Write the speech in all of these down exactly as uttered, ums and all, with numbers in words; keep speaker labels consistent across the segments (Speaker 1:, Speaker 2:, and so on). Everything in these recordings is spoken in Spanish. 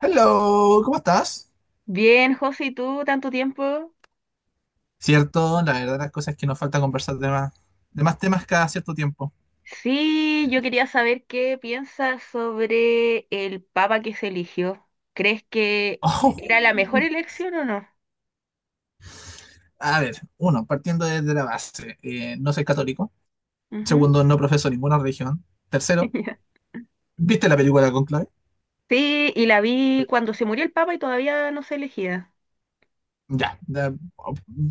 Speaker 1: Hello, ¿cómo estás?
Speaker 2: Bien, José, ¿y tú? Tanto tiempo.
Speaker 1: Cierto, la verdad las cosas es que nos falta conversar de más, de más temas cada cierto tiempo.
Speaker 2: Sí, yo quería saber qué piensas sobre el papa que se eligió. ¿Crees que
Speaker 1: Oh,
Speaker 2: era la mejor elección o no?
Speaker 1: a ver, uno, partiendo desde la base, eh, no soy católico.
Speaker 2: Ujú.
Speaker 1: Segundo, no profeso ninguna religión. Tercero, ¿viste la película Conclave?
Speaker 2: Sí, y la vi cuando se murió el papa y todavía no se elegía.
Speaker 1: Ya, ya,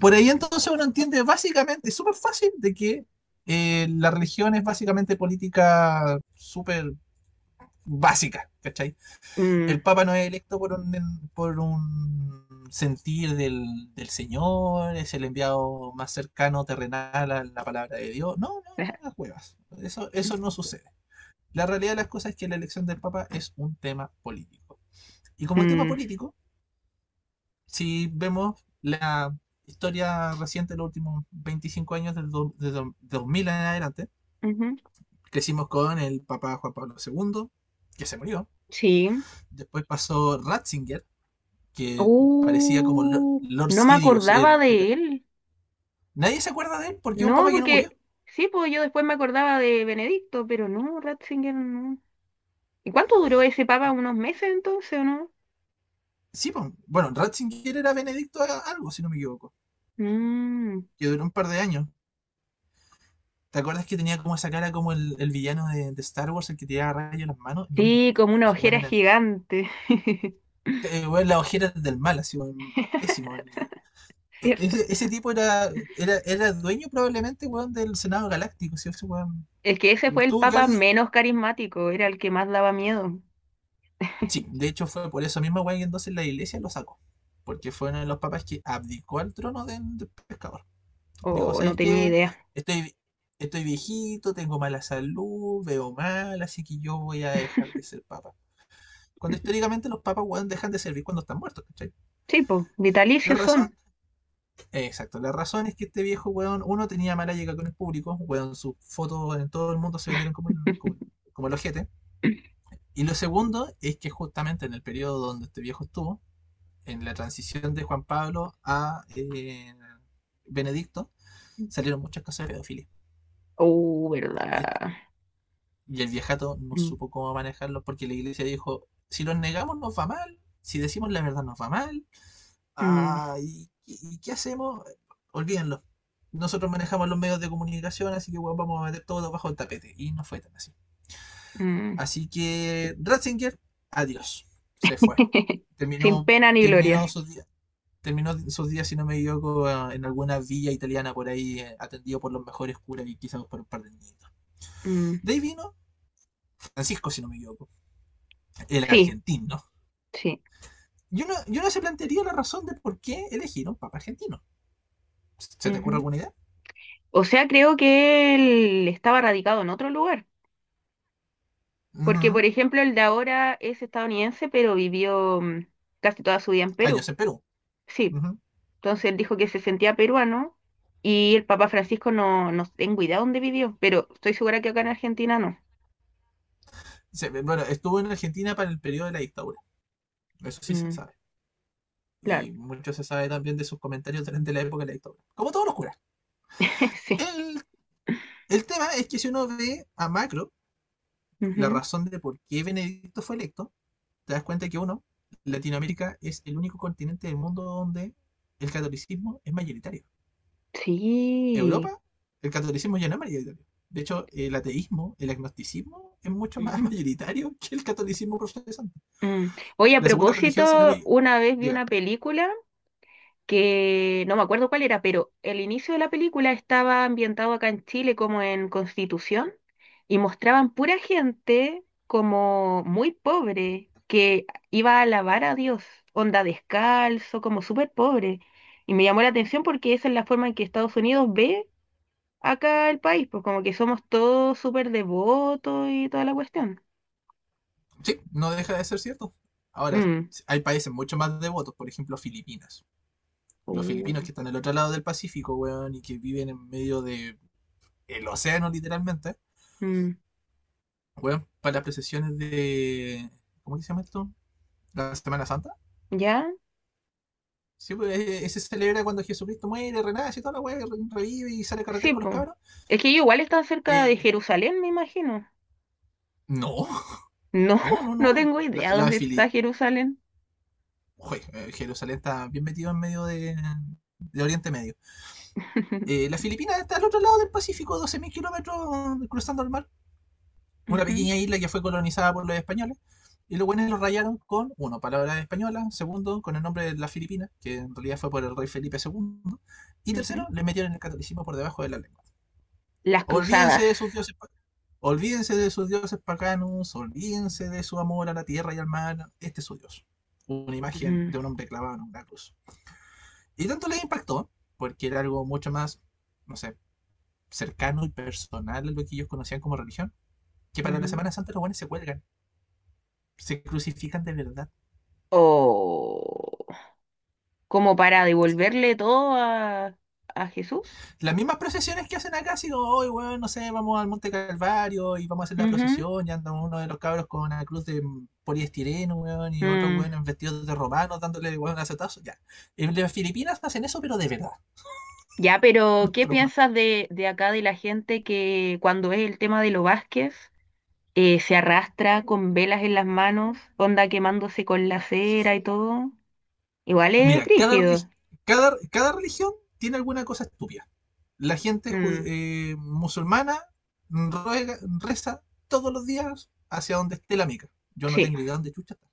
Speaker 1: por ahí entonces uno entiende básicamente, es súper fácil, de que eh, la religión es básicamente política súper básica, ¿cachai?
Speaker 2: Mm.
Speaker 1: El Papa no es electo por un, por un sentir del, del Señor, es el enviado más cercano, terrenal a la palabra de Dios. No, no, no, las huevas. Eso, eso no sucede. La realidad de las cosas es que la elección del Papa es un tema político. Y como tema
Speaker 2: Mm.
Speaker 1: político, si vemos la historia reciente de los últimos veinticinco años, del dos de do, dos mil en adelante,
Speaker 2: Ujú.
Speaker 1: crecimos con el Papa Juan Pablo segundo que se murió.
Speaker 2: Sí.
Speaker 1: Después pasó Ratzinger, que parecía como Lord,
Speaker 2: Uh,
Speaker 1: Lord
Speaker 2: no me
Speaker 1: Sidious.
Speaker 2: acordaba
Speaker 1: El,
Speaker 2: de él.
Speaker 1: nadie se acuerda de él porque es un
Speaker 2: No,
Speaker 1: papa que no murió.
Speaker 2: porque sí, pues yo después me acordaba de Benedicto, pero no, Ratzinger no. ¿Y cuánto duró ese papa? ¿Unos meses entonces o no?
Speaker 1: Sí, pues, bueno, Ratzinger era Benedicto algo, si no me equivoco,
Speaker 2: Mm.
Speaker 1: que duró un par de años. ¿Te acuerdas que tenía como esa cara como el, el villano de, de, Star Wars, el que tiraba rayos en las manos? Lo mismo.
Speaker 2: Sí, como una
Speaker 1: Su buen
Speaker 2: ojera gigante.
Speaker 1: eh, bueno, las ojeras del mal, así, bueno, pésimo. E-,
Speaker 2: ¿Cierto?
Speaker 1: Ese, ese, tipo era, era, era dueño probablemente bueno, del Senado Galáctico, si ese bueno,
Speaker 2: Es que ese fue el
Speaker 1: tuvo que
Speaker 2: papa
Speaker 1: haber di-
Speaker 2: menos carismático, era el que más daba miedo,
Speaker 1: sí, de hecho fue por eso mismo weá que entonces la iglesia lo sacó. Porque fue uno de los papas que abdicó al trono de del pescador. Dijo,
Speaker 2: o no
Speaker 1: ¿sabes
Speaker 2: tenía
Speaker 1: qué?
Speaker 2: idea.
Speaker 1: Estoy, estoy viejito, tengo mala salud, veo mal, así que yo voy a dejar de ser papa. Cuando históricamente los papas, weón, dejan de servir cuando están muertos, ¿cachai?
Speaker 2: Sí, pues,
Speaker 1: La
Speaker 2: vitalicios
Speaker 1: razón,
Speaker 2: son.
Speaker 1: eh, exacto, la razón es que este viejo, weón, uno tenía mala llegada con el público, weón, sus fotos en todo el mundo se vendieron como, el- como, como el ojete. Y lo segundo es que justamente en el periodo donde este viejo estuvo, en la transición de Juan Pablo a eh, Benedicto, salieron muchas cosas de pedofilia.
Speaker 2: Oh,
Speaker 1: Y, este-
Speaker 2: ¿verdad?
Speaker 1: y el viejato no
Speaker 2: Mm.
Speaker 1: supo cómo manejarlo porque la iglesia dijo, si los negamos nos va mal, si decimos la verdad nos va mal,
Speaker 2: Mm.
Speaker 1: ah, ¿y, y- y qué hacemos? Olvídenlo. Nosotros manejamos los medios de comunicación, así que bueno, vamos a meter todo bajo el tapete. Y no fue tan así.
Speaker 2: Mm.
Speaker 1: Así que Ratzinger, adiós. Se fue.
Speaker 2: Sin
Speaker 1: Terminó,
Speaker 2: pena ni
Speaker 1: terminó
Speaker 2: gloria.
Speaker 1: su día. Terminó sus días, si no me equivoco, en alguna villa italiana por ahí, eh, atendido por los mejores curas y quizás por un par de niñitos.
Speaker 2: Mm.
Speaker 1: De ahí vino Francisco, si no me equivoco, el
Speaker 2: Sí,
Speaker 1: argentino.
Speaker 2: sí.
Speaker 1: Yo no, yo no se plantearía la razón de por qué elegir un papa argentino. ¿Se te ocurre
Speaker 2: Ujú.
Speaker 1: alguna idea?
Speaker 2: O sea, creo que él estaba radicado en otro lugar.
Speaker 1: Uh
Speaker 2: Porque, por
Speaker 1: -huh.
Speaker 2: ejemplo, el de ahora es estadounidense, pero vivió mm, casi toda su vida en
Speaker 1: Años en
Speaker 2: Perú.
Speaker 1: Perú. Uh
Speaker 2: Sí,
Speaker 1: -huh.
Speaker 2: entonces él dijo que se sentía peruano y el Papa Francisco no, no tengo idea dónde vivió, pero estoy segura que acá en Argentina no.
Speaker 1: Se, bueno, estuvo en Argentina para el periodo de la dictadura. Eso sí se
Speaker 2: Mm.
Speaker 1: sabe.
Speaker 2: Claro.
Speaker 1: Y mucho se sabe también de sus comentarios durante la época de la dictadura. Como todos los curas.
Speaker 2: Sí.
Speaker 1: El, el tema es que si uno ve a Macro, la
Speaker 2: Ujú.
Speaker 1: razón de por qué Benedicto fue electo, te das cuenta que uno, Latinoamérica es el único continente del mundo donde el catolicismo es mayoritario.
Speaker 2: Sí.
Speaker 1: Europa, el catolicismo ya no es mayoritario. De hecho, el ateísmo, el agnosticismo es mucho más
Speaker 2: Ujú.
Speaker 1: mayoritario que el catolicismo protestante.
Speaker 2: Mm. Oye, a
Speaker 1: La segunda religión, si no
Speaker 2: propósito,
Speaker 1: me
Speaker 2: una vez vi
Speaker 1: diga,
Speaker 2: una película que no me acuerdo cuál era, pero el inicio de la película estaba ambientado acá en Chile como en Constitución y mostraban pura gente como muy pobre que iba a alabar a Dios, onda descalzo, como súper pobre. Y me llamó la atención porque esa es la forma en que Estados Unidos ve acá el país, pues como que somos todos súper devotos y toda la cuestión.
Speaker 1: sí, no deja de ser cierto. Ahora,
Speaker 2: Mm.
Speaker 1: hay países mucho más devotos, por ejemplo, Filipinas. Los filipinos
Speaker 2: Oh.
Speaker 1: que están al otro lado del Pacífico, weón, y que viven en medio del el océano, literalmente,
Speaker 2: Mm.
Speaker 1: weón, para las procesiones de. ¿Cómo que se llama esto? La Semana Santa.
Speaker 2: ¿Ya?
Speaker 1: Sí, pues eh, se celebra cuando Jesucristo muere, renace y toda la weá, revive y sale a carretera
Speaker 2: Sí,
Speaker 1: con los
Speaker 2: pues.
Speaker 1: cabros.
Speaker 2: Es que ellos igual están cerca
Speaker 1: Eh,
Speaker 2: de Jerusalén, me imagino.
Speaker 1: no,
Speaker 2: No,
Speaker 1: no, no,
Speaker 2: no
Speaker 1: no.
Speaker 2: tengo
Speaker 1: La,
Speaker 2: idea
Speaker 1: la
Speaker 2: dónde está
Speaker 1: Fili-
Speaker 2: Jerusalén.
Speaker 1: Jue, eh, Jerusalén está bien metido en medio de, de Oriente Medio. Eh, la Filipina está al otro lado del Pacífico, doce mil kilómetros eh, cruzando el mar. Una
Speaker 2: Ujú.
Speaker 1: pequeña isla que fue colonizada por los españoles. Y los buenos lo rayaron con, uno, palabras españolas, segundo, con el nombre de la Filipina, que en realidad fue por el rey Felipe dos, y tercero,
Speaker 2: Ujú.
Speaker 1: le metieron el catolicismo por debajo de la lengua.
Speaker 2: Las cruzadas.
Speaker 1: Olvídense de sus dioses, pa- olvídense de sus dioses paganos, olvídense de su amor a la tierra y al mar. Este es su dios. Una imagen
Speaker 2: Ujú.
Speaker 1: de un hombre clavado en una cruz. Y tanto les impactó, porque era algo mucho más, no sé, cercano y personal a lo que ellos conocían como religión, que para la
Speaker 2: Ujú.
Speaker 1: Semana Santa los buenos se cuelgan, se crucifican de verdad.
Speaker 2: O como para
Speaker 1: Sí.
Speaker 2: devolverle todo a, a Jesús.
Speaker 1: Las mismas procesiones que hacen acá, así como, hoy, bueno no sé, vamos al Monte Calvario y vamos a hacer la
Speaker 2: Ujú.
Speaker 1: procesión, y andan uno de los cabros con una cruz de poliestireno, weón, y otro,
Speaker 2: Mm.
Speaker 1: weón, en vestidos de romanos, dándole, weón, acetazo, ya. En las Filipinas hacen eso, pero de verdad,
Speaker 2: Ya,
Speaker 1: no
Speaker 2: pero
Speaker 1: es
Speaker 2: ¿qué
Speaker 1: broma.
Speaker 2: piensas de, de acá de la gente que cuando es el tema de los Vázquez eh, se arrastra con velas en las manos, onda quemándose con la cera y todo? Igual es
Speaker 1: Mira, cada,
Speaker 2: frígido.
Speaker 1: religi- cada, cada religión tiene alguna cosa estúpida. La gente judi-
Speaker 2: Mm.
Speaker 1: eh, musulmana ruega, reza todos los días hacia donde esté la mica. Yo no
Speaker 2: Sí.
Speaker 1: tengo idea dónde chucha está,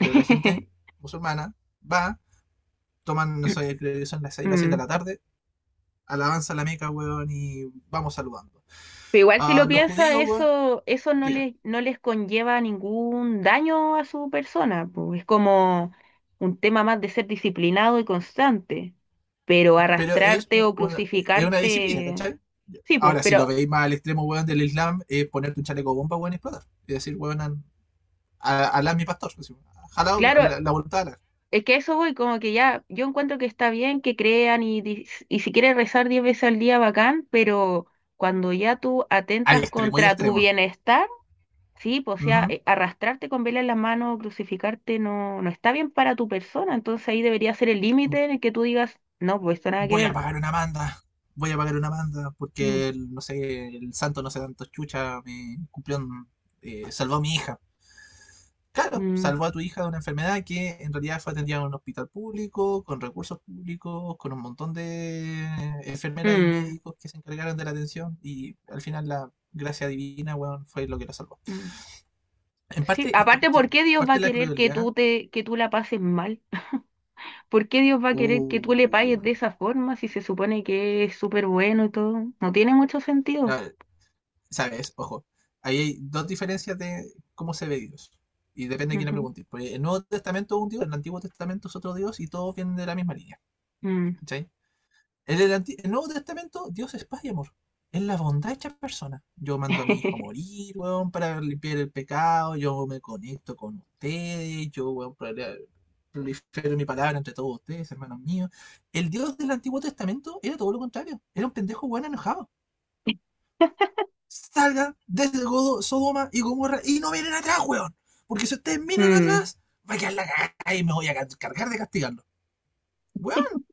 Speaker 1: pero la gente musulmana va toman, no sé, creo que son las seis, las siete de la
Speaker 2: Mm.
Speaker 1: tarde, alabanza a la Meca, weón, y vamos saludando.
Speaker 2: Pero igual si
Speaker 1: A
Speaker 2: lo
Speaker 1: los
Speaker 2: piensa,
Speaker 1: judíos, weón,
Speaker 2: eso, eso no
Speaker 1: diga,
Speaker 2: les, no les conlleva ningún daño a su persona, pues es como un tema más de ser disciplinado y constante, pero
Speaker 1: pero es,
Speaker 2: arrastrarte
Speaker 1: un-
Speaker 2: o
Speaker 1: una, es una disciplina,
Speaker 2: crucificarte,
Speaker 1: ¿cachai?
Speaker 2: sí, pues,
Speaker 1: Ahora, si lo
Speaker 2: pero
Speaker 1: veis más al extremo, weón, del Islam, es ponerte un chaleco bomba, weón, y explotar. Y decir, weón, an- a- alá mi pastor, así, jalao
Speaker 2: claro,
Speaker 1: la, la voluntad de Alá.
Speaker 2: es que a eso voy, como que ya, yo encuentro que está bien que crean y, dis- y si quieres rezar diez veces al día, bacán, pero cuando ya tú
Speaker 1: Al
Speaker 2: atentas
Speaker 1: extremo y
Speaker 2: contra tu
Speaker 1: extremo.
Speaker 2: bienestar, sí, pues, o sea,
Speaker 1: Ujú.
Speaker 2: eh, arrastrarte con vela en las manos, crucificarte, no, no está bien para tu persona. Entonces ahí debería ser el límite en el que tú digas, no, pues esto nada que
Speaker 1: Voy a
Speaker 2: ver.
Speaker 1: pagar una manda. Voy a pagar una manda
Speaker 2: Mm.
Speaker 1: porque, el- no sé, el santo no sé tanto chucha me cumplió, un- eh, salvó a mi hija. Claro,
Speaker 2: Mm.
Speaker 1: salvó a tu hija de una enfermedad que en realidad fue atendida en un hospital público, con recursos públicos, con un montón de enfermeras y
Speaker 2: Mm.
Speaker 1: médicos que se encargaron de la atención y al final la gracia divina, weón, fue lo que la salvó.
Speaker 2: Mm.
Speaker 1: En
Speaker 2: Sí,
Speaker 1: parte, es que,
Speaker 2: aparte, ¿por
Speaker 1: que
Speaker 2: qué Dios va
Speaker 1: parte
Speaker 2: a
Speaker 1: de la
Speaker 2: querer que
Speaker 1: crueldad,
Speaker 2: tú te, que tú la pases mal? ¿Por qué Dios va a querer que tú le
Speaker 1: uh,
Speaker 2: pagues de esa forma si se supone que es súper bueno y todo? No tiene mucho sentido.
Speaker 1: la- sabes, ojo, ahí hay dos diferencias de cómo se ve Dios. Y depende de quién le
Speaker 2: Ujú.
Speaker 1: pregunte. Porque el Nuevo Testamento es un Dios, el Antiguo Testamento es otro Dios y todos vienen de la misma línea.
Speaker 2: Mm.
Speaker 1: ¿Cachai? En el, Anti- el Nuevo Testamento, Dios es paz y amor. Es la bondad hecha persona. Yo mando a mi hijo a morir, weón, para limpiar el pecado. Yo me conecto con ustedes. Yo, weón, prole- prolifero mi palabra entre todos ustedes, hermanos míos. El Dios del Antiguo Testamento era todo lo contrario. Era un pendejo, weón, enojado. Salgan desde Godo- Sodoma y Gomorra y no miren atrás, weón. Porque si ustedes miran
Speaker 2: Mm.
Speaker 1: atrás, va a quedar la cagada y me voy a ca- cargar de castigarlos. Weón,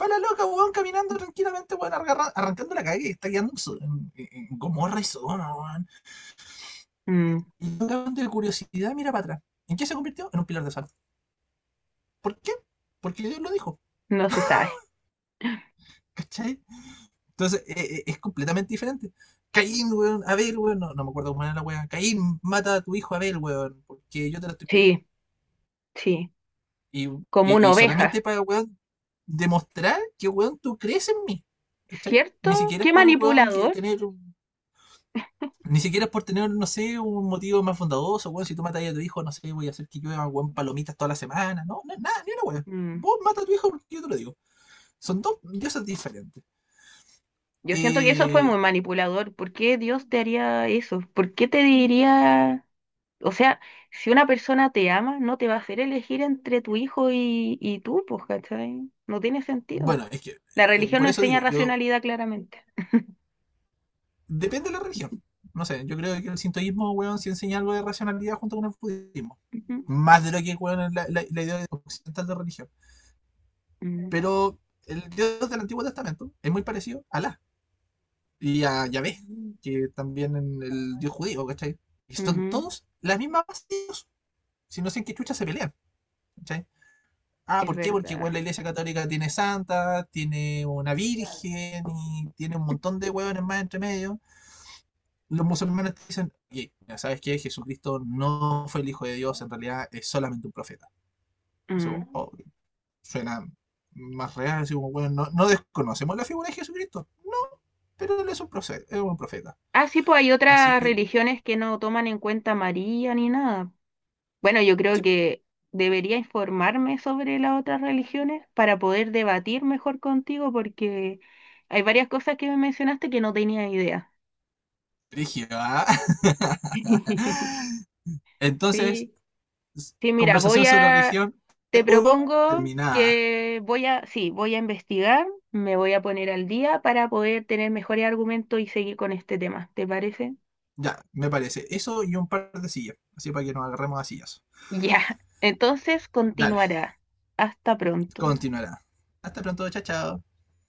Speaker 1: va la loca, weón, caminando tranquilamente, weón, argarra- arrancando la calle que está quedando en, So- en- en- Gomorra y Sodoma, weón.
Speaker 2: Mm.
Speaker 1: Y el weón de curiosidad mira para atrás. ¿En qué se convirtió? En un pilar de sal. ¿Por qué? Porque Dios lo dijo,
Speaker 2: No se sabe.
Speaker 1: ¿cachai? Entonces, eh, eh, es completamente diferente. Caín, weón, Abel, weón, no, no me acuerdo cómo era la weón. Caín mata a tu hijo Abel, weón, porque yo te lo estoy pidiendo.
Speaker 2: Sí, sí.
Speaker 1: Y, y,
Speaker 2: Como una
Speaker 1: y solamente
Speaker 2: oveja.
Speaker 1: para, weón, demostrar que, weón, tú crees en mí, ¿cachai?
Speaker 2: ¿Cierto?
Speaker 1: Ni siquiera es
Speaker 2: ¿Qué
Speaker 1: por el weón que
Speaker 2: manipulador?
Speaker 1: tener. Ni siquiera es por tener, no sé, un motivo más bondadoso, weón. Si tú matas a tu hijo, no sé, voy a hacer que llueva, weón, palomitas toda la semana. No, no es nada, ni una weón.
Speaker 2: Mm.
Speaker 1: Vos matas a tu hijo porque yo te lo digo. Son dos diosas diferentes.
Speaker 2: Yo siento que eso fue
Speaker 1: Eh,
Speaker 2: muy manipulador. ¿Por qué Dios te haría eso? ¿Por qué te diría... O sea, si una persona te ama, no te va a hacer elegir entre tu hijo y, y tú, pues, ¿cachai? No tiene sentido.
Speaker 1: bueno, es que,
Speaker 2: La
Speaker 1: eh,
Speaker 2: religión no
Speaker 1: por eso
Speaker 2: enseña
Speaker 1: digo, yo,
Speaker 2: racionalidad claramente.
Speaker 1: depende de la religión. No sé, yo creo que el sintoísmo, weón, sí enseña algo de racionalidad junto con el budismo.
Speaker 2: Ujú.
Speaker 1: Más de lo que, weón, es la, la, la idea occidental de religión.
Speaker 2: Mm.
Speaker 1: Pero el dios del Antiguo Testamento es muy parecido a Alá. Y a Yahvé, que también en el dios judío, ¿cachai? Y son
Speaker 2: Ujú.
Speaker 1: todos las mismas bases, si no sé en qué chucha se pelean, ¿cachai? Ah,
Speaker 2: Es
Speaker 1: ¿por qué? Porque
Speaker 2: verdad.
Speaker 1: igual la iglesia católica tiene santa, tiene una virgen y tiene un montón de huevones más entre medio. Los musulmanes dicen, oye, ¿sabes qué? Jesucristo no fue el hijo de Dios, en realidad es solamente un profeta. Eso
Speaker 2: Mm.
Speaker 1: oh, suena más real, así como, bueno, no, no desconocemos la figura de Jesucristo. No, pero él es un profeta. Es un profeta.
Speaker 2: Ah, sí, pues hay
Speaker 1: Así
Speaker 2: otras
Speaker 1: que,
Speaker 2: religiones que no toman en cuenta a María ni nada. Bueno, yo creo
Speaker 1: sí,
Speaker 2: que debería informarme sobre las otras religiones para poder debatir mejor contigo porque hay varias cosas que me mencionaste que no tenía idea.
Speaker 1: Brígido, ¿ah? Entonces,
Speaker 2: Sí.
Speaker 1: s-
Speaker 2: Sí, mira, voy
Speaker 1: conversación sobre
Speaker 2: a,
Speaker 1: religión,
Speaker 2: te
Speaker 1: seguro,
Speaker 2: propongo
Speaker 1: terminada.
Speaker 2: que voy a, sí, voy a investigar, me voy a poner al día para poder tener mejores argumentos y seguir con este tema, ¿te parece?
Speaker 1: Ya, me parece. Eso y un par de sillas. Así para que nos agarremos a sillas.
Speaker 2: Ya, entonces
Speaker 1: Dale,
Speaker 2: continuará. Hasta pronto.
Speaker 1: continuará. Hasta pronto, chao, chao.